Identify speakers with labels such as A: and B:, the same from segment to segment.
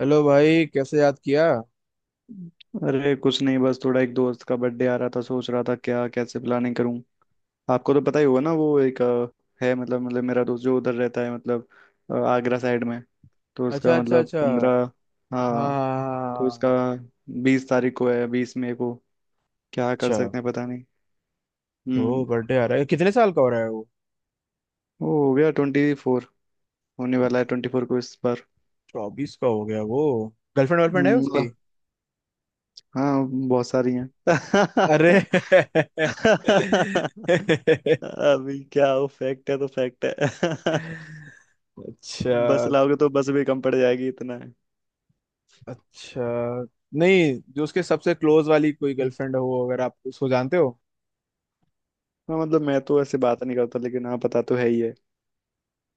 A: Hello भाई, कैसे याद किया।
B: अरे कुछ नहीं, बस थोड़ा एक दोस्त का बर्थडे आ रहा था, सोच रहा था क्या, कैसे प्लानिंग करूं। आपको तो पता ही होगा ना, वो एक है। मतलब मेरा दोस्त जो उधर रहता है, मतलब आगरा साइड में। तो
A: अच्छा,
B: उसका
A: अच्छा,
B: मतलब
A: अच्छा।
B: 15।
A: हाँ,
B: हाँ।
A: हाँ,
B: तो उसका
A: हाँ।
B: 20 तारीख को है, 20 मई को। क्या कर
A: अच्छा।
B: सकते हैं पता नहीं।
A: ओ,
B: हम्म।
A: बर्थडे आ रहा है। कितने साल का हो रहा है वो?
B: वो हो गया 24। होने वाला है 24 को इस बार।
A: 24 का हो गया वो? गर्लफ्रेंड वर्लफ्रेंड है उसकी?
B: मतलब हाँ, बहुत सारी हैं।
A: अरे।
B: अभी क्या हो, फैक्ट है तो फैक्ट है। बस
A: अच्छा,
B: लाओगे तो बस भी कम पड़ जाएगी, इतना है।
A: अच्छा। नहीं, जो उसके सबसे क्लोज वाली कोई गर्लफ्रेंड हो, अगर आप उसको जानते हो।
B: हाँ, मतलब मैं तो ऐसे बात नहीं करता, लेकिन हाँ, पता तो है ही है।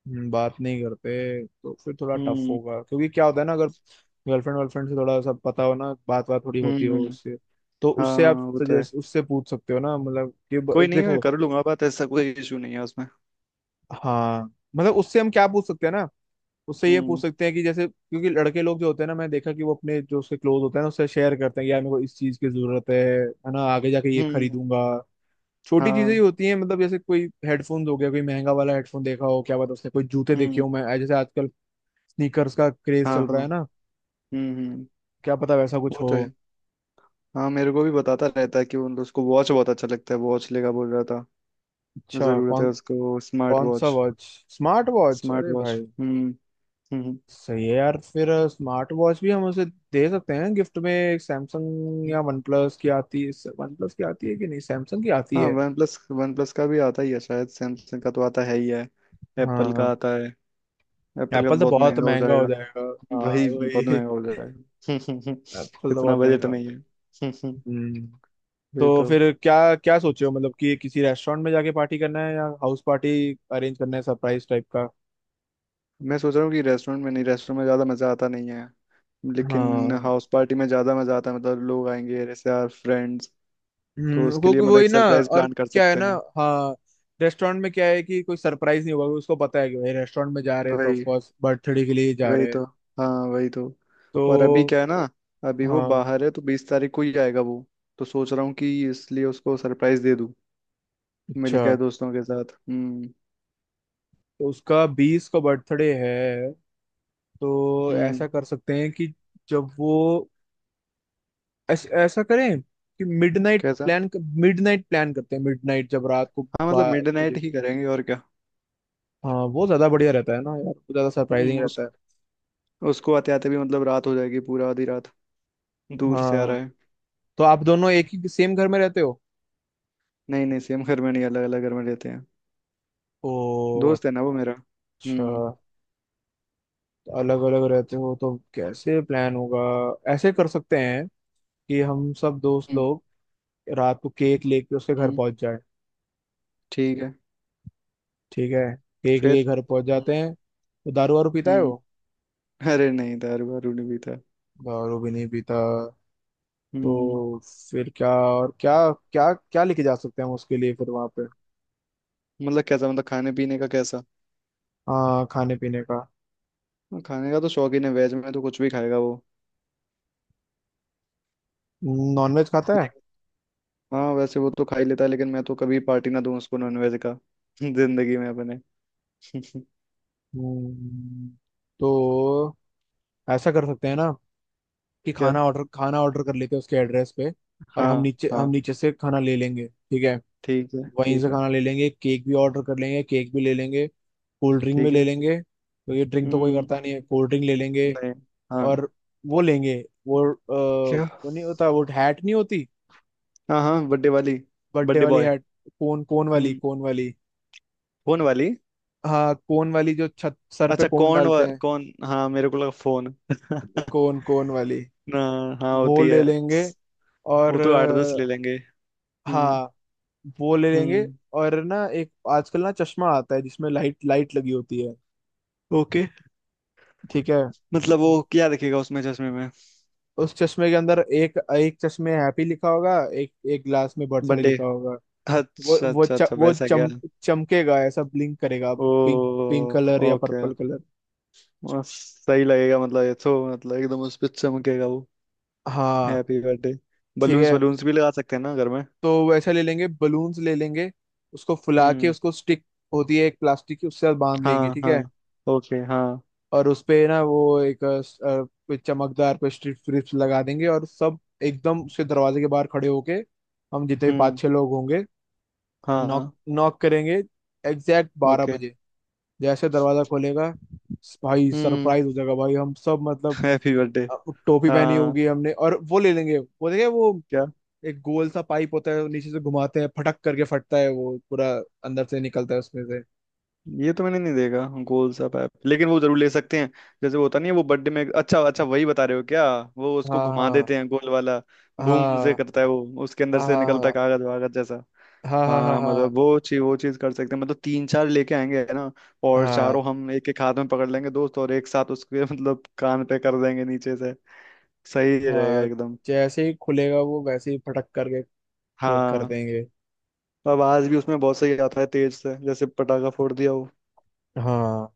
A: बात नहीं करते तो फिर थोड़ा टफ
B: हम्म,
A: होगा, क्योंकि क्या होता है ना, अगर गर्लफ्रेंड वर्लफ्रेंड से थोड़ा सब पता हो ना, बात बात थोड़ी होती
B: हम्म,
A: हो
B: हम्म।
A: उससे। तो उससे आप
B: हाँ, वो तो है।
A: सजेस्ट, उससे पूछ सकते हो ना, मतलब कि
B: कोई नहीं, मैं
A: देखो।
B: कर लूंगा बात, ऐसा कोई इशू नहीं है उसमें।
A: हाँ, मतलब उससे हम क्या पूछ सकते हैं ना। उससे ये पूछ
B: हम्म,
A: सकते हैं कि जैसे, क्योंकि लड़के लोग जो होते हैं ना, मैं देखा कि वो अपने जो उसके क्लोज होते हैं ना, उससे शेयर करते हैं कि यार, मेरे को इस चीज की जरूरत है ना, आगे जाके ये
B: हम्म।
A: खरीदूंगा। छोटी चीजें ही
B: हाँ।
A: होती हैं, मतलब जैसे कोई हेडफोन हो गया, कोई महंगा वाला हेडफोन देखा हो, क्या पता उसने कोई जूते देखे
B: हम्म।
A: हो, मैं जैसे आजकल स्नीकर्स का क्रेज
B: हाँ,
A: चल रहा है
B: हाँ।
A: ना।
B: हम्म, हम्म।
A: क्या पता वैसा कुछ
B: वो
A: हो।
B: तो है। हाँ, मेरे को भी बताता रहता है कि उन उसको वॉच बहुत अच्छा लगता है, वॉच लेगा बोल रहा था।
A: अच्छा,
B: जरूरत है
A: कौन?
B: उसको स्मार्ट
A: कौन सा
B: watch.
A: Watch? Smart watch?
B: Smart
A: अरे
B: वॉच।
A: भाई!
B: हम्म। हम्म,
A: सही है यार, फिर स्मार्ट वॉच भी हम उसे दे सकते हैं गिफ्ट में। एक सैमसंग या वन प्लस की आती है, वन प्लस की आती है कि नहीं, सैमसंग की आती
B: हाँ,
A: है।
B: वन प्लस का भी आता ही है शायद। सैमसंग का तो आता है ही है। एप्पल का
A: हाँ।
B: आता है। एप्पल का
A: एप्पल
B: तो
A: तो
B: बहुत
A: बहुत
B: महंगा हो
A: महंगा हो
B: जाएगा।
A: जाएगा। हाँ
B: भाई, बहुत
A: वही।
B: महंगा हो जाएगा।
A: एप्पल तो
B: इतना
A: बहुत
B: बजट
A: महंगा हो
B: नहीं
A: जाएगा।
B: है।
A: हम्म।
B: वही
A: तो
B: तो।
A: फिर क्या क्या सोचे हो, मतलब कि किसी रेस्टोरेंट में जाके पार्टी करना है, या हाउस पार्टी अरेंज करना है, सरप्राइज टाइप का?
B: मैं सोच रहा हूँ कि रेस्टोरेंट में नहीं, रेस्टोरेंट में ज़्यादा मज़ा आता नहीं है, लेकिन
A: हाँ।
B: हाउस पार्टी में ज़्यादा मज़ा आता है। मतलब लोग आएंगे, रिश्तेदार, फ्रेंड्स। तो उसके लिए
A: क्योंकि
B: मतलब
A: वही
B: एक
A: ना,
B: सरप्राइज
A: और
B: प्लान कर
A: क्या है
B: सकते
A: ना।
B: हैं।
A: हाँ। रेस्टोरेंट में क्या है कि कोई सरप्राइज नहीं होगा, उसको पता है कि भाई रेस्टोरेंट में जा रहे हैं, तो
B: भाई,
A: ऑफकोर्स बर्थडे के लिए ही जा
B: वही
A: रहे हैं।
B: तो। हाँ, वही तो। और अभी
A: तो
B: क्या है ना, अभी वो
A: हाँ,
B: बाहर है, तो 20 तारीख को ही आएगा वो। तो सोच रहा हूँ कि इसलिए उसको सरप्राइज दे दूँ,
A: अच्छा,
B: मिलकर दोस्तों के साथ। हम्म।
A: तो उसका 20 का बर्थडे है। तो
B: हम्म
A: ऐसा कर सकते हैं कि जब वो ऐसा करें कि मिडनाइट
B: कैसा?
A: प्लान, मिडनाइट प्लान करते हैं, मिडनाइट, जब रात को
B: हाँ, मतलब
A: 12
B: मिड नाइट
A: बजे।
B: ही करेंगे और क्या।
A: हाँ, वो ज्यादा बढ़िया रहता है ना यार, वो ज्यादा सरप्राइजिंग
B: उस
A: रहता है।
B: उसको आते आते भी मतलब रात हो जाएगी, पूरा आधी रात। दूर से आ रहा
A: हाँ,
B: है।
A: तो आप दोनों एक ही सेम घर में रहते हो?
B: नहीं, नहीं, सेम घर में नहीं, अलग अलग घर में रहते हैं।
A: ओ,
B: दोस्त है ना वो मेरा।
A: अच्छा।
B: हम्म,
A: अलग अलग रहते हो तो कैसे प्लान होगा? ऐसे कर सकते हैं कि हम सब दोस्त
B: हम्म,
A: लोग रात को केक लेके उसके घर
B: हम्म।
A: पहुंच जाए।
B: ठीक है।
A: ठीक है। केक लेके
B: फिर।
A: घर पहुंच जाते
B: हम्म,
A: हैं, तो दारू वारू पीता है
B: हम्म।
A: वो?
B: अरे नहीं, दारू वारू नहीं पीता।
A: दारू भी नहीं पीता?
B: हम्म।
A: तो फिर क्या और क्या, क्या क्या लेके जा सकते हैं हम उसके लिए फिर वहां पे?
B: मतलब कैसा? मतलब खाने पीने का कैसा?
A: हाँ, खाने पीने का।
B: हाँ, खाने का तो शौकीन है, वेज में तो कुछ भी खाएगा वो।
A: नॉनवेज खाता है?
B: लेकिन- हाँ, वैसे वो तो खा ही लेता है, लेकिन मैं तो कभी पार्टी ना दूं उसको नॉनवेज का। जिंदगी में अपने।
A: हम्म, तो ऐसा कर सकते हैं ना कि
B: क्या?
A: खाना ऑर्डर कर लेते हैं उसके एड्रेस पे, और
B: हाँ,
A: हम
B: हाँ।
A: नीचे से खाना ले लेंगे, ठीक है।
B: ठीक है,
A: वहीं
B: ठीक
A: से
B: है,
A: खाना ले लेंगे, केक भी ऑर्डर कर लेंगे, केक भी ले लेंगे। कोल्ड ड्रिंक भी
B: ठीक
A: ले
B: है।
A: लेंगे, तो ये ड्रिंक तो कोई करता
B: हम्म।
A: नहीं है, कोल्ड ड्रिंक ले लेंगे।
B: नहीं। हाँ।
A: और वो लेंगे, वो
B: क्या?
A: वो नहीं होता वो, हैट नहीं होती?
B: हाँ, हाँ, बर्थडे वाली।
A: बर्थडे
B: बर्थडे
A: वाली
B: बॉय।
A: हैट। कोन कोन वाली,
B: हम्म।
A: कोन वाली।
B: फोन वाली।
A: हाँ, कोन वाली, जो छत सर पे
B: अच्छा,
A: कोन डालते हैं।
B: कौन, हाँ मेरे को लगा फोन।
A: कोन कोन वाली।
B: ना, हाँ,
A: वो
B: होती
A: ले
B: है।
A: लेंगे।
B: वो
A: और
B: तो 8-10 ले लेंगे। हम्म,
A: हाँ, वो ले लेंगे।
B: हम्म।
A: और ना एक आजकल ना चश्मा आता है, जिसमें लाइट लाइट लगी होती है।
B: ओके।
A: ठीक है।
B: मतलब वो क्या दिखेगा उसमें, चश्मे में?
A: उस चश्मे के अंदर एक एक चश्मे हैप्पी लिखा होगा, एक एक ग्लास में बर्थडे
B: बर्थडे।
A: लिखा होगा। वो
B: अच्छा,
A: वो
B: अच्छा,
A: च,
B: अच्छा,
A: वो
B: वैसा क्या।
A: चम, चमकेगा, ऐसा ब्लिंक करेगा,
B: ओ।
A: पिंक पिंक कलर या
B: ओके।
A: Purple colour.
B: सही लगेगा, मतलब ये तो मतलब एकदम उस पे चमकेगा वो।
A: हाँ।
B: Happy birthday.
A: ठीक
B: बलून्स
A: है।
B: बलून्स भी लगा सकते हैं ना घर में।
A: तो वैसा ले लेंगे, बलून्स ले लेंगे। उसको फुला के,
B: हम्म।
A: उसको स्टिक होती है एक प्लास्टिक की, उससे बांध लेंगे,
B: हाँ,
A: ठीक
B: हाँ।
A: है।
B: ओके। हाँ।
A: और उसपे ना वो एक कोई चमकदार पे स्ट्रिप्स लगा देंगे, और सब एकदम उसके दरवाजे के बाहर खड़े होके, हम जितने भी पाँच
B: हम्म।
A: छह लोग होंगे, नॉक,
B: हाँ।
A: नॉक करेंगे एग्जैक्ट 12
B: ओके।
A: बजे। जैसे दरवाजा खोलेगा, भाई
B: हम्म।
A: सरप्राइज हो जाएगा भाई, हम सब, मतलब
B: हैप्पी बर्थडे।
A: अ, टोपी पहनी
B: हाँ।
A: होगी हमने, और वो ले लेंगे, वो देखे वो,
B: क्या?
A: एक गोल सा पाइप होता है, वो नीचे से घुमाते हैं, फटक करके फटता है वो पूरा, अंदर से निकलता है उसमें से।
B: ये तो मैंने नहीं देखा गोल सा पैप, लेकिन वो जरूर ले सकते हैं। जैसे वो होता नहीं है वो बर्थडे में, अच्छा अच्छा, वही बता रहे हो क्या? वो उसको घुमा
A: हाँ,
B: देते हैं, गोल वाला। बूम से
A: हाँ,
B: करता है वो, उसके अंदर से निकलता
A: हाँ,
B: है कागज वागज जैसा।
A: हाँ, हाँ, हाँ, हाँ,
B: हाँ,
A: हाँ, हाँ,
B: मतलब वो चीज, वो चीज कर सकते हैं, मतलब तीन चार लेके आएंगे ना। और चारों
A: हाँ,
B: हम एक एक हाथ में पकड़ लेंगे दोस्त, और एक साथ उसके मतलब कान पे कर देंगे नीचे से। सही रहेगा
A: हाँ।
B: एकदम।
A: जैसे ही खुलेगा वो, वैसे ही फटक करके कर
B: हाँ।
A: देंगे।
B: आवाज भी उसमें बहुत सही आता है, तेज से, जैसे पटाखा फोड़ दिया हो।
A: हाँ,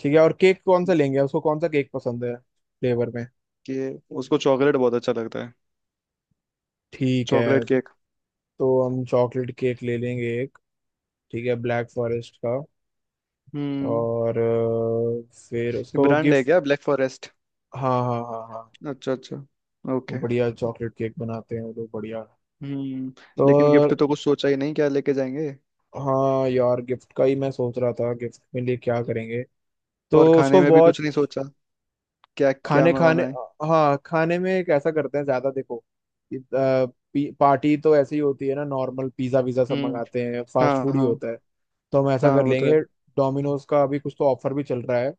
A: ठीक है, और केक कौन सा लेंगे? उसको कौन सा केक पसंद है फ्लेवर में?
B: कि उसको चॉकलेट बहुत अच्छा लगता है।
A: ठीक है,
B: चॉकलेट केक।
A: तो हम चॉकलेट केक ले लेंगे एक। ठीक है, ब्लैक फॉरेस्ट का।
B: हम्म।
A: और फिर उसको
B: ब्रांड है
A: गिफ्ट।
B: क्या ब्लैक फॉरेस्ट?
A: हाँ, हाँ, हाँ, हाँ।
B: अच्छा, अच्छा।
A: वो
B: ओके।
A: बढ़िया चॉकलेट केक बनाते हैं वो लोग, बढ़िया।
B: हम्म।
A: तो
B: लेकिन गिफ्ट तो कुछ सोचा ही नहीं, क्या लेके जाएंगे।
A: हाँ यार, गिफ्ट का ही मैं सोच रहा था, गिफ्ट में लिए क्या करेंगे। तो
B: और खाने
A: उसको
B: में भी कुछ नहीं
A: वॉच।
B: सोचा, क्या क्या
A: खाने, खाने,
B: मंगाना है।
A: हाँ, खाने में कैसा करते हैं ज्यादा, देखो इ- अ, पार्टी तो ऐसे ही होती है ना, नॉर्मल पिज्जा विज़ा सब
B: हम्म।
A: मंगाते हैं, फास्ट
B: हाँ,
A: फूड ही
B: हाँ।
A: होता है। तो हम ऐसा
B: हाँ,
A: कर
B: वो तो है।
A: लेंगे। डोमिनोज का अभी कुछ तो ऑफर भी चल रहा है।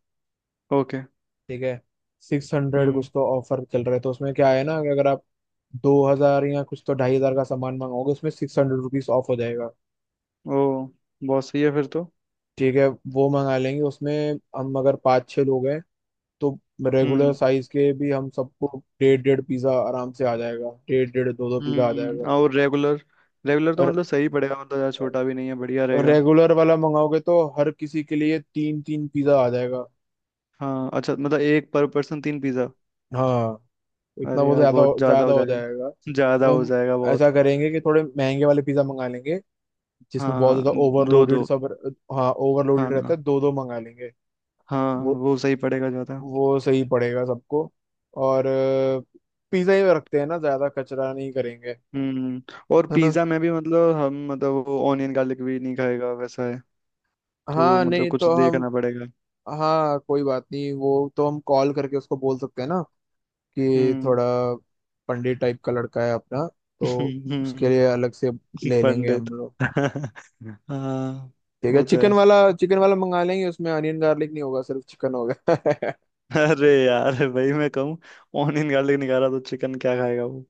B: ओके।
A: ठीक है। 600
B: हम्म।
A: कुछ तो ऑफर चल रहा है, तो उसमें क्या है ना, कि अगर आप 2,000 या कुछ तो 2,500 का सामान मंगाओगे, उसमें ₹600 ऑफ हो जाएगा।
B: ओ, बहुत सही है फिर तो।
A: ठीक है, वो मंगा लेंगे उसमें। हम अगर पाँच छः लोग हैं, तो रेगुलर
B: हम्म,
A: साइज के भी हम सबको डेढ़ डेढ़ पिज्जा आराम से आ जाएगा, डेढ़ डेढ़, दो दो पिज्जा आ जाएगा।
B: हम्म। और रेगुलर, रेगुलर तो मतलब सही पड़ेगा, मतलब ज़्यादा छोटा भी नहीं है, बढ़िया
A: और
B: रहेगा।
A: रेगुलर वाला मंगाओगे तो हर किसी के लिए तीन तीन पिज्जा आ जाएगा।
B: हाँ, अच्छा, मतलब एक पर पर्सन तीन पिज़्ज़ा?
A: हाँ, इतना
B: अरे
A: बहुत
B: यार,
A: ज्यादा
B: बहुत ज़्यादा
A: ज्यादा
B: हो
A: हो
B: जाएगा।
A: जाएगा,
B: ज़्यादा
A: तो
B: हो
A: हम
B: जाएगा, बहुत।
A: ऐसा करेंगे कि थोड़े महंगे वाले पिज्जा मंगा लेंगे, जिसमें बहुत
B: हाँ।
A: ज्यादा
B: दो
A: ओवरलोडेड
B: दो।
A: सब। हाँ
B: हाँ,
A: ओवरलोडेड रहता है, दो दो मंगा लेंगे।
B: हाँ,
A: वो
B: वो सही पड़ेगा ज़्यादा।
A: वो सही पड़ेगा सबको। और पिज्जा ही रखते हैं ना, ज्यादा कचरा नहीं करेंगे,
B: हम्म। और
A: है ना।
B: पिज़्ज़ा में भी, मतलब हम, मतलब वो ऑनियन गार्लिक भी नहीं खाएगा, वैसा है। तो
A: हाँ,
B: मतलब
A: नहीं
B: कुछ
A: तो हम,
B: देखना पड़ेगा।
A: हाँ कोई बात नहीं, वो तो हम कॉल करके उसको बोल सकते हैं ना, कि
B: हम्म।
A: थोड़ा पंडित टाइप का लड़का है अपना, तो उसके लिए अलग से
B: कि
A: ले लेंगे
B: पंडित,
A: हम लोग।
B: हाँ।
A: ठीक है,
B: वो तो है।
A: चिकन वाला मंगा लेंगे, उसमें अनियन गार्लिक नहीं होगा, सिर्फ चिकन होगा।
B: अरे यार, भाई मैं कहूँ, ऑनियन गार्लिक नहीं खा रहा तो चिकन क्या खाएगा वो।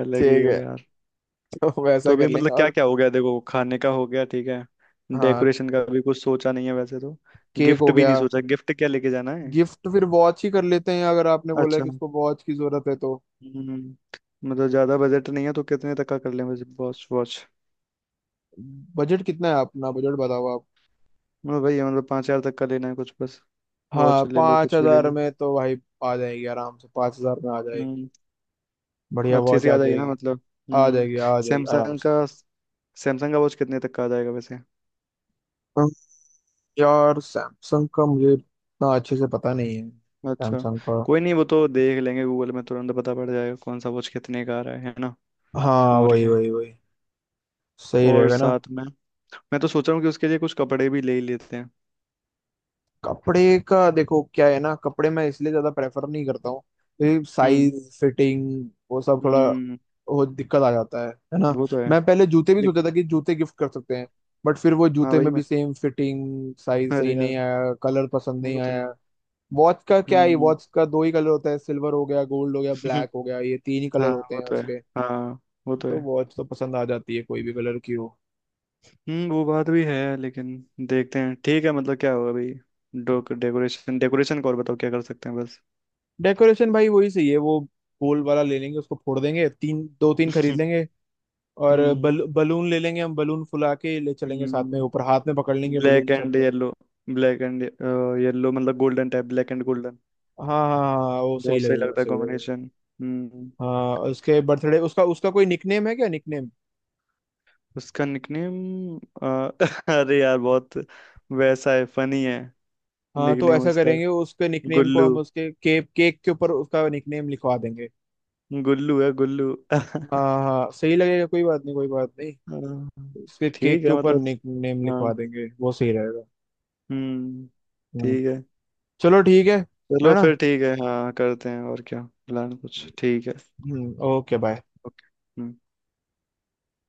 B: अलग ही
A: ठीक
B: हो
A: है,
B: यार।
A: तो
B: तो
A: वैसा
B: अभी
A: कर लेंगे,
B: मतलब क्या
A: और
B: क्या हो गया देखो, खाने का हो गया ठीक है।
A: हाँ,
B: डेकोरेशन का भी कुछ सोचा नहीं है वैसे तो।
A: केक
B: गिफ्ट
A: हो
B: भी
A: गया,
B: नहीं सोचा, गिफ्ट क्या लेके जाना है।
A: गिफ्ट फिर वॉच ही कर लेते हैं, अगर आपने बोला है
B: अच्छा।
A: कि इसको वॉच की जरूरत है तो।
B: हम्म। मतलब ज्यादा बजट नहीं है, तो कितने तक का कर लें बस, वॉच वॉच
A: बजट कितना है, अपना बजट बताओ आप।
B: मतलब भाई, मतलब 5,000 तक का लेना है कुछ बस।
A: हाँ,
B: वॉच ले लो,
A: पाँच
B: कुछ भी ले
A: हजार
B: लो।
A: में तो भाई आ जाएगी आराम से, 5,000 में आ जाएगी,
B: हम्म।
A: बढ़िया
B: अच्छी
A: वॉच
B: सी
A: आ
B: आ जाएगी ना
A: जाएगी।
B: मतलब।
A: आ जाएगी,
B: हम्म।
A: आ जाएगी आराम
B: सैमसंग
A: से।
B: का। सैमसंग का वॉच कितने तक का आ जाएगा वैसे?
A: अम, यार सैमसंग का मुझे इतना अच्छे से पता नहीं है
B: अच्छा।
A: सैमसंग का।
B: कोई नहीं, वो तो देख लेंगे, गूगल में तुरंत पता पड़ जाएगा कौन सा वॉच कितने का आ रहा है ना।
A: हाँ,
B: और
A: वही,
B: क्या है?
A: वही, वही, सही
B: और
A: रहेगा ना।
B: साथ में मैं तो सोच रहा हूँ कि उसके लिए कुछ कपड़े भी ले ही लेते हैं।
A: कपड़े का देखो क्या है ना, कपड़े मैं इसलिए ज्यादा प्रेफर नहीं करता हूँ, क्योंकि
B: हम्म,
A: साइज फिटिंग वो सब थोड़ा
B: हम्म।
A: वो दिक्कत आ जाता है ना।
B: वो तो है।
A: मैं पहले जूते भी
B: देख।
A: सोचा था कि जूते गिफ्ट कर सकते हैं, बट फिर वो
B: हाँ,
A: जूते
B: भाई
A: में
B: मैं।
A: भी सेम फिटिंग साइज सही
B: अरे यार।
A: नहीं आया, कलर पसंद नहीं
B: वो तो है।
A: आया। वॉच का क्या है,
B: हम्म।
A: वॉच का दो ही कलर होता है, सिल्वर हो गया, गोल्ड हो गया, ब्लैक हो गया, ये तीन ही कलर
B: हाँ,
A: होते
B: वो
A: हैं
B: तो है।
A: उसके।
B: हाँ, वो तो
A: तो
B: है।
A: वॉच तो पसंद आ जाती है कोई भी कलर की हो।
B: हम्म। वो बात भी है, लेकिन देखते हैं। ठीक है, मतलब क्या होगा भाई। डोक डेकोरेशन डेकोरेशन को और बताओ क्या कर सकते हैं बस।
A: डेकोरेशन भाई वही सही है वो, गोल वाला ले लेंगे, उसको फोड़ देंगे, तीन, दो तीन खरीद लेंगे। और
B: हम्म,
A: बलून ले लेंगे, हम बलून फुला के ले चलेंगे, साथ में ऊपर
B: हम्म।
A: हाथ में पकड़ लेंगे बलून
B: ब्लैक
A: सब
B: एंड
A: लोग।
B: येलो। ब्लैक एंड येलो मतलब golden type, black and golden.
A: हाँ, हाँ, हाँ, हाँ, वो सही
B: बहुत सही
A: लगेगा,
B: लगता है
A: सही लगेगा।
B: कॉम्बिनेशन। हम्म।
A: हाँ, उसके बर्थडे, उसका उसका कोई निकनेम है क्या, निकनेम?
B: उसका निकनेम। अरे यार, बहुत वैसा है, फनी है।
A: हाँ तो
B: निकनेम
A: ऐसा
B: उसका।
A: करेंगे, उसके निकनेम को
B: गुल्लू।
A: हम उसके केक, केक के ऊपर उसका निकनेम लिखवा देंगे।
B: गुल्लू है, गुल्लू।
A: हाँ, हाँ, सही लगेगा, कोई बात नहीं, कोई बात नहीं।
B: हाँ।
A: इसके केक
B: ठीक
A: के
B: है
A: ऊपर
B: मतलब।
A: नेम लिखवा
B: हाँ।
A: देंगे, वो सही रहेगा।
B: हम्म।
A: हम्म,
B: ठीक है।
A: चलो ठीक है
B: चलो
A: ना।
B: फिर ठीक है, हाँ करते हैं और क्या। प्लान कुछ ठीक है।
A: हम्म, ओके, बाय।
B: ओके।